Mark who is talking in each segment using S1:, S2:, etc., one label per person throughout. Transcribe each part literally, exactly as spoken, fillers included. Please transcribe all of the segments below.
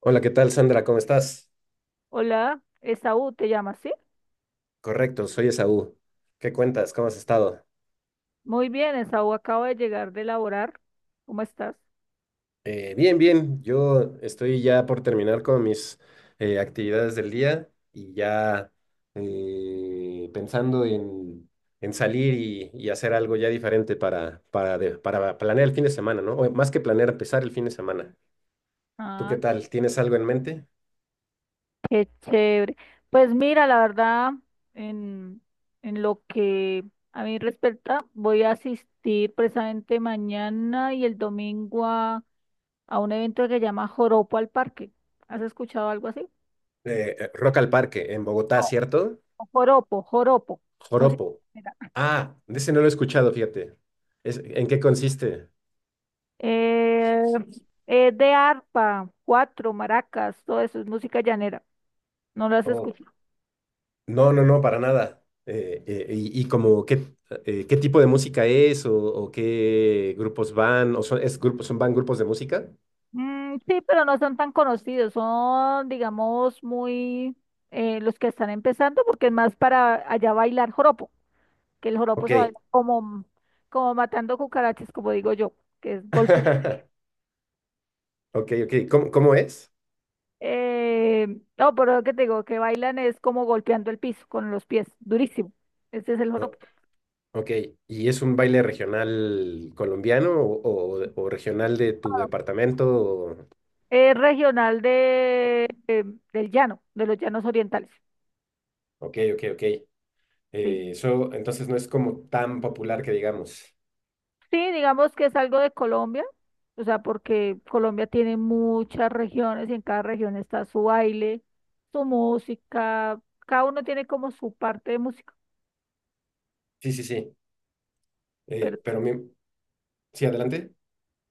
S1: Hola, ¿qué tal, Sandra? ¿Cómo estás?
S2: Hola, Esaú, ¿te llamas, sí?
S1: Correcto, soy Esaú. ¿Qué cuentas? ¿Cómo has estado?
S2: Muy bien, Esaú, acabo de llegar de laborar. ¿Cómo estás?
S1: Eh, bien, bien. Yo estoy ya por terminar con mis eh, actividades del día y ya eh, pensando en, en salir y, y hacer algo ya diferente para, para, de- para planear el fin de semana, ¿no? O más que planear, empezar el fin de semana. ¿Tú qué
S2: Ah,
S1: tal? ¿Tienes algo en mente?
S2: qué chévere. Pues mira, la verdad, en, en lo que a mí respecta, voy a asistir precisamente mañana y el domingo a, a un evento que se llama Joropo al Parque. ¿Has escuchado algo así?
S1: Eh, eh, Rock al Parque, en Bogotá,
S2: No,
S1: ¿cierto?
S2: Joropo, Joropo. Música
S1: Joropo.
S2: ligera.
S1: Ah, de ese no lo he escuchado, fíjate. Es- ¿en qué consiste?
S2: Eh, es de arpa, cuatro, maracas, todo eso es música llanera. ¿No lo has
S1: Oh,
S2: escuchado?
S1: no, no, no, para nada. Eh, eh, y, y como qué, eh, qué tipo de música es o, o qué grupos van, o son, es grupos, son, van grupos de música.
S2: Mm, sí, pero no son tan conocidos, son, digamos, muy eh, los que están empezando, porque es más para allá bailar joropo, que el joropo
S1: Ok.
S2: se baila como, como matando cucarachas, como digo yo, que es golpeando.
S1: Ok, ok. ¿Cómo, cómo es?
S2: Eh, no, pero lo que te digo, que bailan es como golpeando el piso con los pies, durísimo. Ese es el
S1: O-
S2: joropo.
S1: ok. ¿Y es un baile regional colombiano o, o- o regional de tu departamento? O-
S2: Es regional de, eh, del llano, de los llanos orientales.
S1: Ok, ok, ok.
S2: Sí.
S1: Eh, eso entonces no es como tan popular que digamos.
S2: Sí, digamos que es algo de Colombia, o sea, porque Colombia tiene muchas regiones y en cada región está su baile, su música, cada uno tiene como su parte de música,
S1: Sí, sí, sí.
S2: pero
S1: Eh, pero mi- sí, adelante.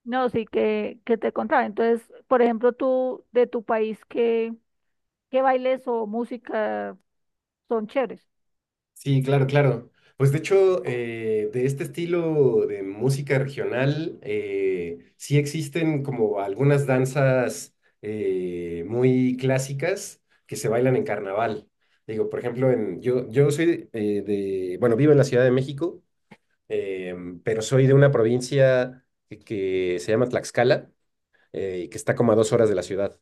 S2: no, sí que, que te contaba. Entonces, por ejemplo, tú de tu país, ¿qué, qué bailes o música son chéveres?
S1: Sí, claro, claro. Pues de hecho, eh, de este estilo de música regional, eh, sí existen como algunas danzas eh, muy clásicas que se bailan en carnaval. Digo, por ejemplo, en, yo, yo soy eh, de, bueno, vivo en la Ciudad de México, em, pero soy de una provincia que, que se llama Tlaxcala eh, y que está como a dos horas de la ciudad.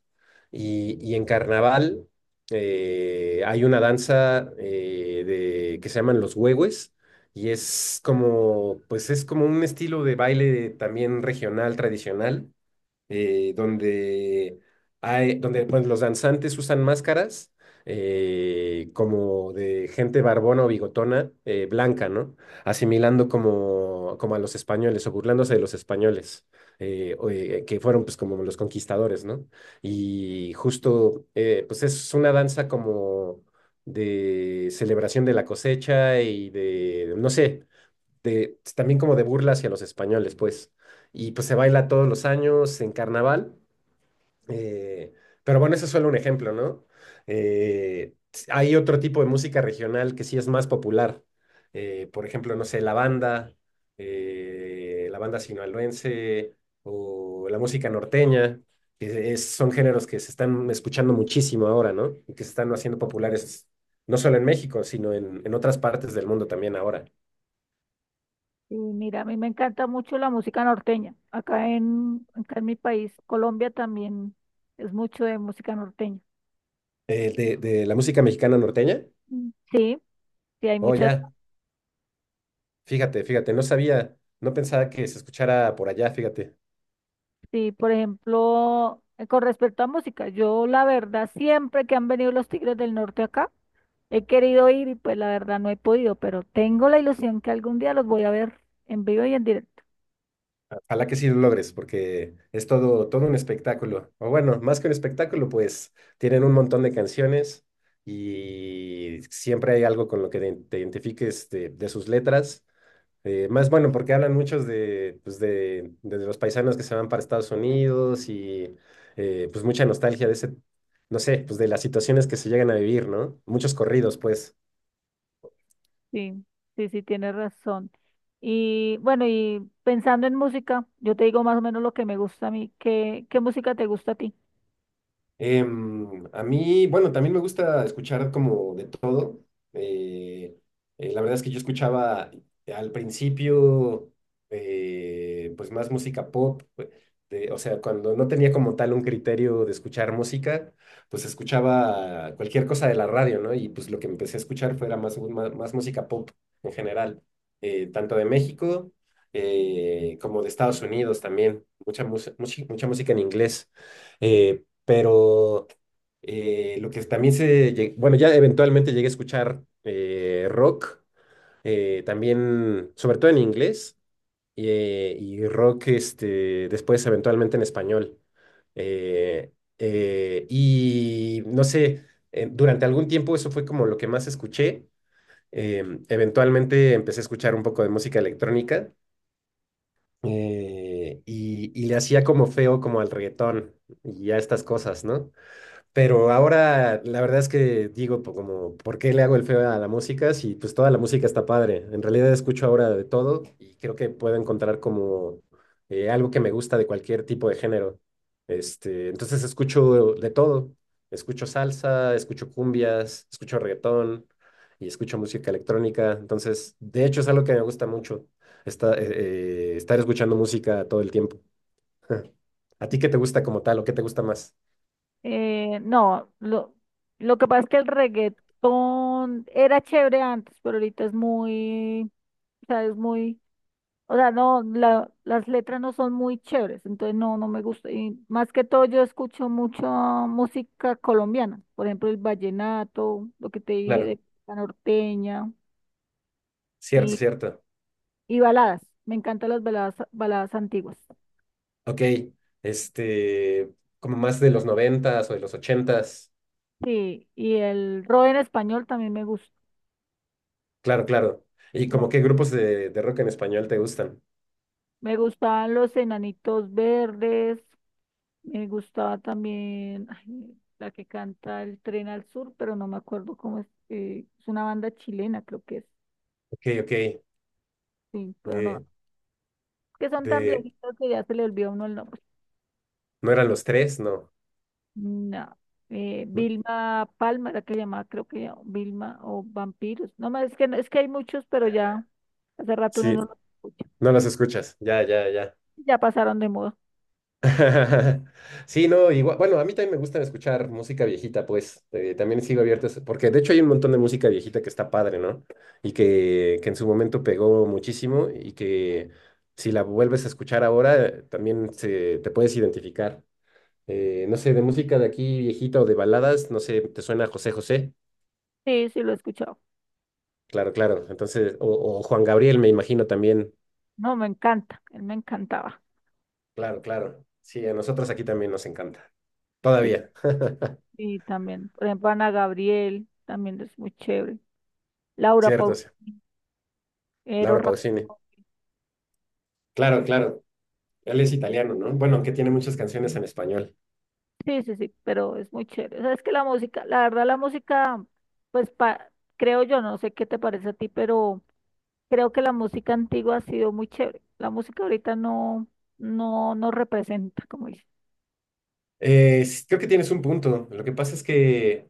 S1: Y, y en carnaval eh, hay una danza eh, de, que se llaman los huehues y es como, pues es como un estilo de baile también regional, tradicional, eh, donde hay, donde pues, los danzantes usan máscaras eh, como de gente barbona o bigotona eh, blanca, ¿no? Asimilando como, como a los españoles o burlándose de los españoles. Eh, o, eh, que fueron pues como los conquistadores, ¿no? Y justo eh, pues es una danza como de celebración de la cosecha y de, no sé, de, también como de burla hacia los españoles, pues. Y pues se baila todos los años en carnaval. eh, pero bueno, ese es solo un ejemplo, ¿no? Eh, hay otro tipo de música regional que sí es más popular. Eh, por ejemplo, no sé, la banda, eh, la banda sinaloense o la música norteña, que es- son géneros que se están escuchando muchísimo ahora, ¿no? Y que se están haciendo populares no solo en México, sino en en otras partes del mundo también ahora.
S2: Y mira, a mí me encanta mucho la música norteña. Acá en, acá en mi país, Colombia, también es mucho de música norteña.
S1: Eh, de, de la música mexicana norteña.
S2: Mm. Sí, sí, hay
S1: Oh,
S2: muchas.
S1: ya, fíjate, fíjate, no sabía, no pensaba que se escuchara por allá, fíjate.
S2: Sí, por ejemplo, eh, con respecto a música, yo la verdad siempre que han venido los Tigres del Norte acá, he querido ir y pues la verdad no he podido, pero tengo la ilusión que algún día los voy a ver en vivo y en directo.
S1: Ojalá que sí lo logres, porque es todo, todo un espectáculo. O bueno, más que un espectáculo, pues tienen un montón de canciones y siempre hay algo con lo que te te identifiques de, de sus letras. Eh, más bueno, porque hablan muchos de, pues de, de los paisanos que se van para Estados Unidos y eh, pues mucha nostalgia de ese, no sé, pues de las situaciones que se llegan a vivir, ¿no? Muchos corridos, pues.
S2: Sí, sí, sí, tienes razón. Y bueno, y pensando en música, yo te digo más o menos lo que me gusta a mí. ¿Qué, qué música te gusta a ti?
S1: Em, a mí, bueno, también me gusta escuchar como de todo. Eh, eh, la verdad es que yo escuchaba al principio, eh, pues más música pop. Pues, de- o sea, cuando no tenía como tal un criterio de escuchar música, pues escuchaba cualquier cosa de la radio, ¿no? Y pues lo que empecé a escuchar fuera más, más, más música pop en general, eh, tanto de México eh, como de Estados Unidos también. Mucha, mus- mucha, mucha música en inglés. Eh, pero eh, lo que también se, lle- bueno, ya eventualmente llegué a escuchar eh, rock, eh, también, sobre todo en inglés, eh, y rock este, después eventualmente en español. Eh, eh, y no sé, eh, durante algún tiempo eso fue como lo que más escuché. Em, eventualmente empecé a escuchar un poco de música electrónica eh, y, y le hacía como feo como al reggaetón y a estas cosas, ¿no? Pero ahora la verdad es que digo po- como, ¿por qué le hago el feo a la música? Si pues toda la música está padre. En realidad escucho ahora de todo y creo que puedo encontrar como eh, algo que me gusta de cualquier tipo de género. Este, entonces escucho de todo. Escucho salsa, escucho cumbias, escucho reggaetón y escucho música electrónica. Entonces, de hecho es algo que me gusta mucho, esta- eh, eh, estar escuchando música todo el tiempo. ¿A ti qué te gusta como tal o qué te gusta más?
S2: Eh, no, lo, lo que pasa es que el reggaetón era chévere antes, pero ahorita es muy, o sea, es muy... O sea, no, la- las letras no son muy chéveres, entonces no, no me gusta. Y más que todo yo escucho mucho música colombiana, por ejemplo el vallenato, lo que te dije
S1: Claro,
S2: de la norteña.
S1: cierto,
S2: Sí,
S1: cierto.
S2: y, y baladas. Me encantan las baladas, baladas antiguas.
S1: Ok, este, como más de los noventas o de los ochentas.
S2: Sí, y el rock en español también me gusta.
S1: Claro, claro. ¿Y
S2: La-
S1: como qué grupos de, de rock en español te gustan?
S2: Me gustaban los Enanitos Verdes, me gustaba también, ay, la que canta El Tren al Sur, pero no me acuerdo cómo es. eh, es una banda chilena, creo que es.
S1: Ok, ok.
S2: Sí, pero no,
S1: eh,
S2: que son tan
S1: de,
S2: viejitos que ya se le olvidó a uno el nombre.
S1: ¿No eran los tres? No.
S2: No. Eh,
S1: ¿No?
S2: Vilma Palma era que se llamaba, creo que ya, Vilma o Vampiros. No más, es que, no- es que hay muchos, pero ya hace rato uno no
S1: Sí,
S2: los escucha.
S1: no los escuchas. Ya, ya, ya.
S2: Ya pasaron de moda.
S1: Sí, no, igual, bueno, a mí también me gusta escuchar música viejita, pues eh, también sigo abierto, a eso, porque de hecho hay un montón de música viejita que está padre, ¿no? Y que, que en su momento pegó muchísimo y que si la vuelves a escuchar ahora, eh, también se, te puedes identificar. Eh, no sé, de música de aquí viejita o de baladas, no sé, ¿te suena José José?
S2: Sí, sí, lo he escuchado.
S1: Claro, claro. Entonces, o, o Juan Gabriel, me imagino también.
S2: No, me encanta, él me encantaba.
S1: Claro, claro. Sí, a nosotros aquí también nos encanta.
S2: Sí,
S1: Todavía,
S2: y también, por ejemplo, Ana Gabriel, también es muy chévere. Laura
S1: cierto, sí.
S2: Pausini, Eros
S1: Laura Pausini.
S2: Ramazzotti.
S1: Claro, claro. Él es italiano, ¿no? Bueno, aunque tiene muchas canciones en español.
S2: Sí, sí, sí, pero es muy chévere. O sea, es que la música, la verdad, la música, pues pa- creo yo, no sé qué te parece a ti, pero creo que la música antigua ha sido muy chévere. La música ahorita no, no nos representa, como dice.
S1: Eh, s- creo que tienes un punto. Lo que pasa es que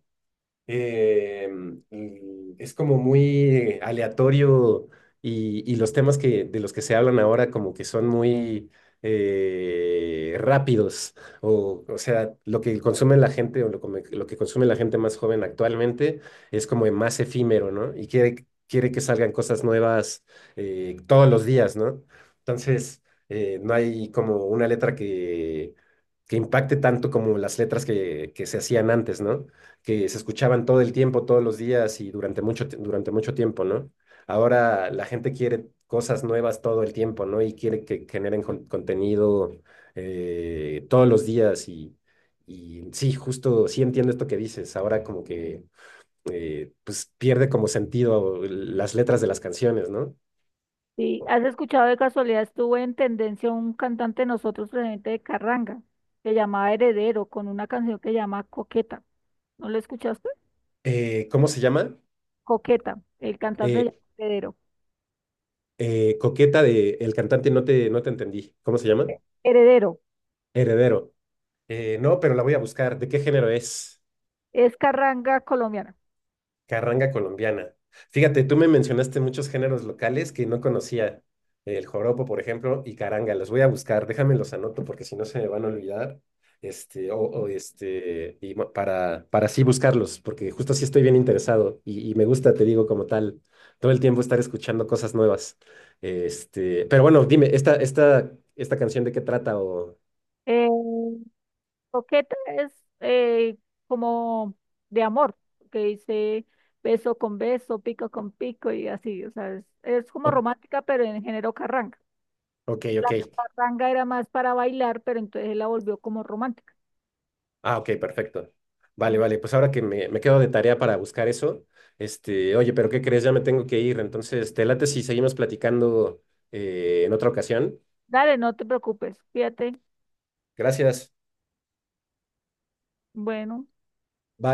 S1: eh, y es como muy aleatorio y, y los temas que, de los que se hablan ahora como que son muy eh, rápidos o, o sea, lo que consume la gente o lo, come- lo que consume la gente más joven actualmente es como más efímero, ¿no? Y quiere, quiere que salgan cosas nuevas eh, todos los días, ¿no? Entonces, eh, no hay como una letra que... que impacte tanto como las letras que, que se hacían antes, ¿no? Que se escuchaban todo el tiempo, todos los días y durante mucho, ti- durante mucho tiempo, ¿no? Ahora la gente quiere cosas nuevas todo el tiempo, ¿no? Y quiere que generen con- contenido eh, todos los días y, y sí, justo, sí entiendo esto que dices. Ahora como que eh, pues pierde como sentido las letras de las canciones, ¿no?
S2: Sí, ¿has escuchado de casualidad? Estuvo en tendencia un cantante de nosotros, presidente de Carranga, que llamaba Heredero, con una canción que llama Coqueta. ¿No lo escuchaste?
S1: Eh, ¿cómo se llama?
S2: Coqueta, el cantante se llama
S1: Eh,
S2: Heredero.
S1: eh, Coqueta de el cantante, no te, no te entendí. ¿Cómo se llama?
S2: Eh, Heredero,
S1: Heredero. Eh, no, pero la voy a buscar. ¿De qué género es?
S2: es Carranga colombiana.
S1: Carranga colombiana. Fíjate, tú me mencionaste muchos géneros locales que no conocía. El joropo, por ejemplo, y caranga. Los voy a buscar, déjame los anoto porque si no se me van a olvidar. Este, o, o este, y ma- para, para así buscarlos, porque justo así estoy bien interesado y, y me gusta, te digo, como tal, todo el tiempo estar escuchando cosas nuevas. Este, pero bueno, dime, ¿esta, esta, esta canción de qué trata? O,
S2: Eh, Coqueta es eh, como de amor, que dice beso con beso, pico con pico y así, o sea, es, es como
S1: o-
S2: romántica, pero en género carranga.
S1: ok,
S2: La
S1: ok.
S2: carranga era más para bailar, pero entonces la volvió como romántica.
S1: Ah, ok, perfecto. Vale, vale, pues ahora que me, me quedo de tarea para buscar eso, este, oye, pero ¿qué crees? Ya me tengo que ir, entonces, te late si seguimos platicando eh, en otra ocasión.
S2: Dale, no te preocupes, fíjate,
S1: Gracias.
S2: bueno.
S1: Bye.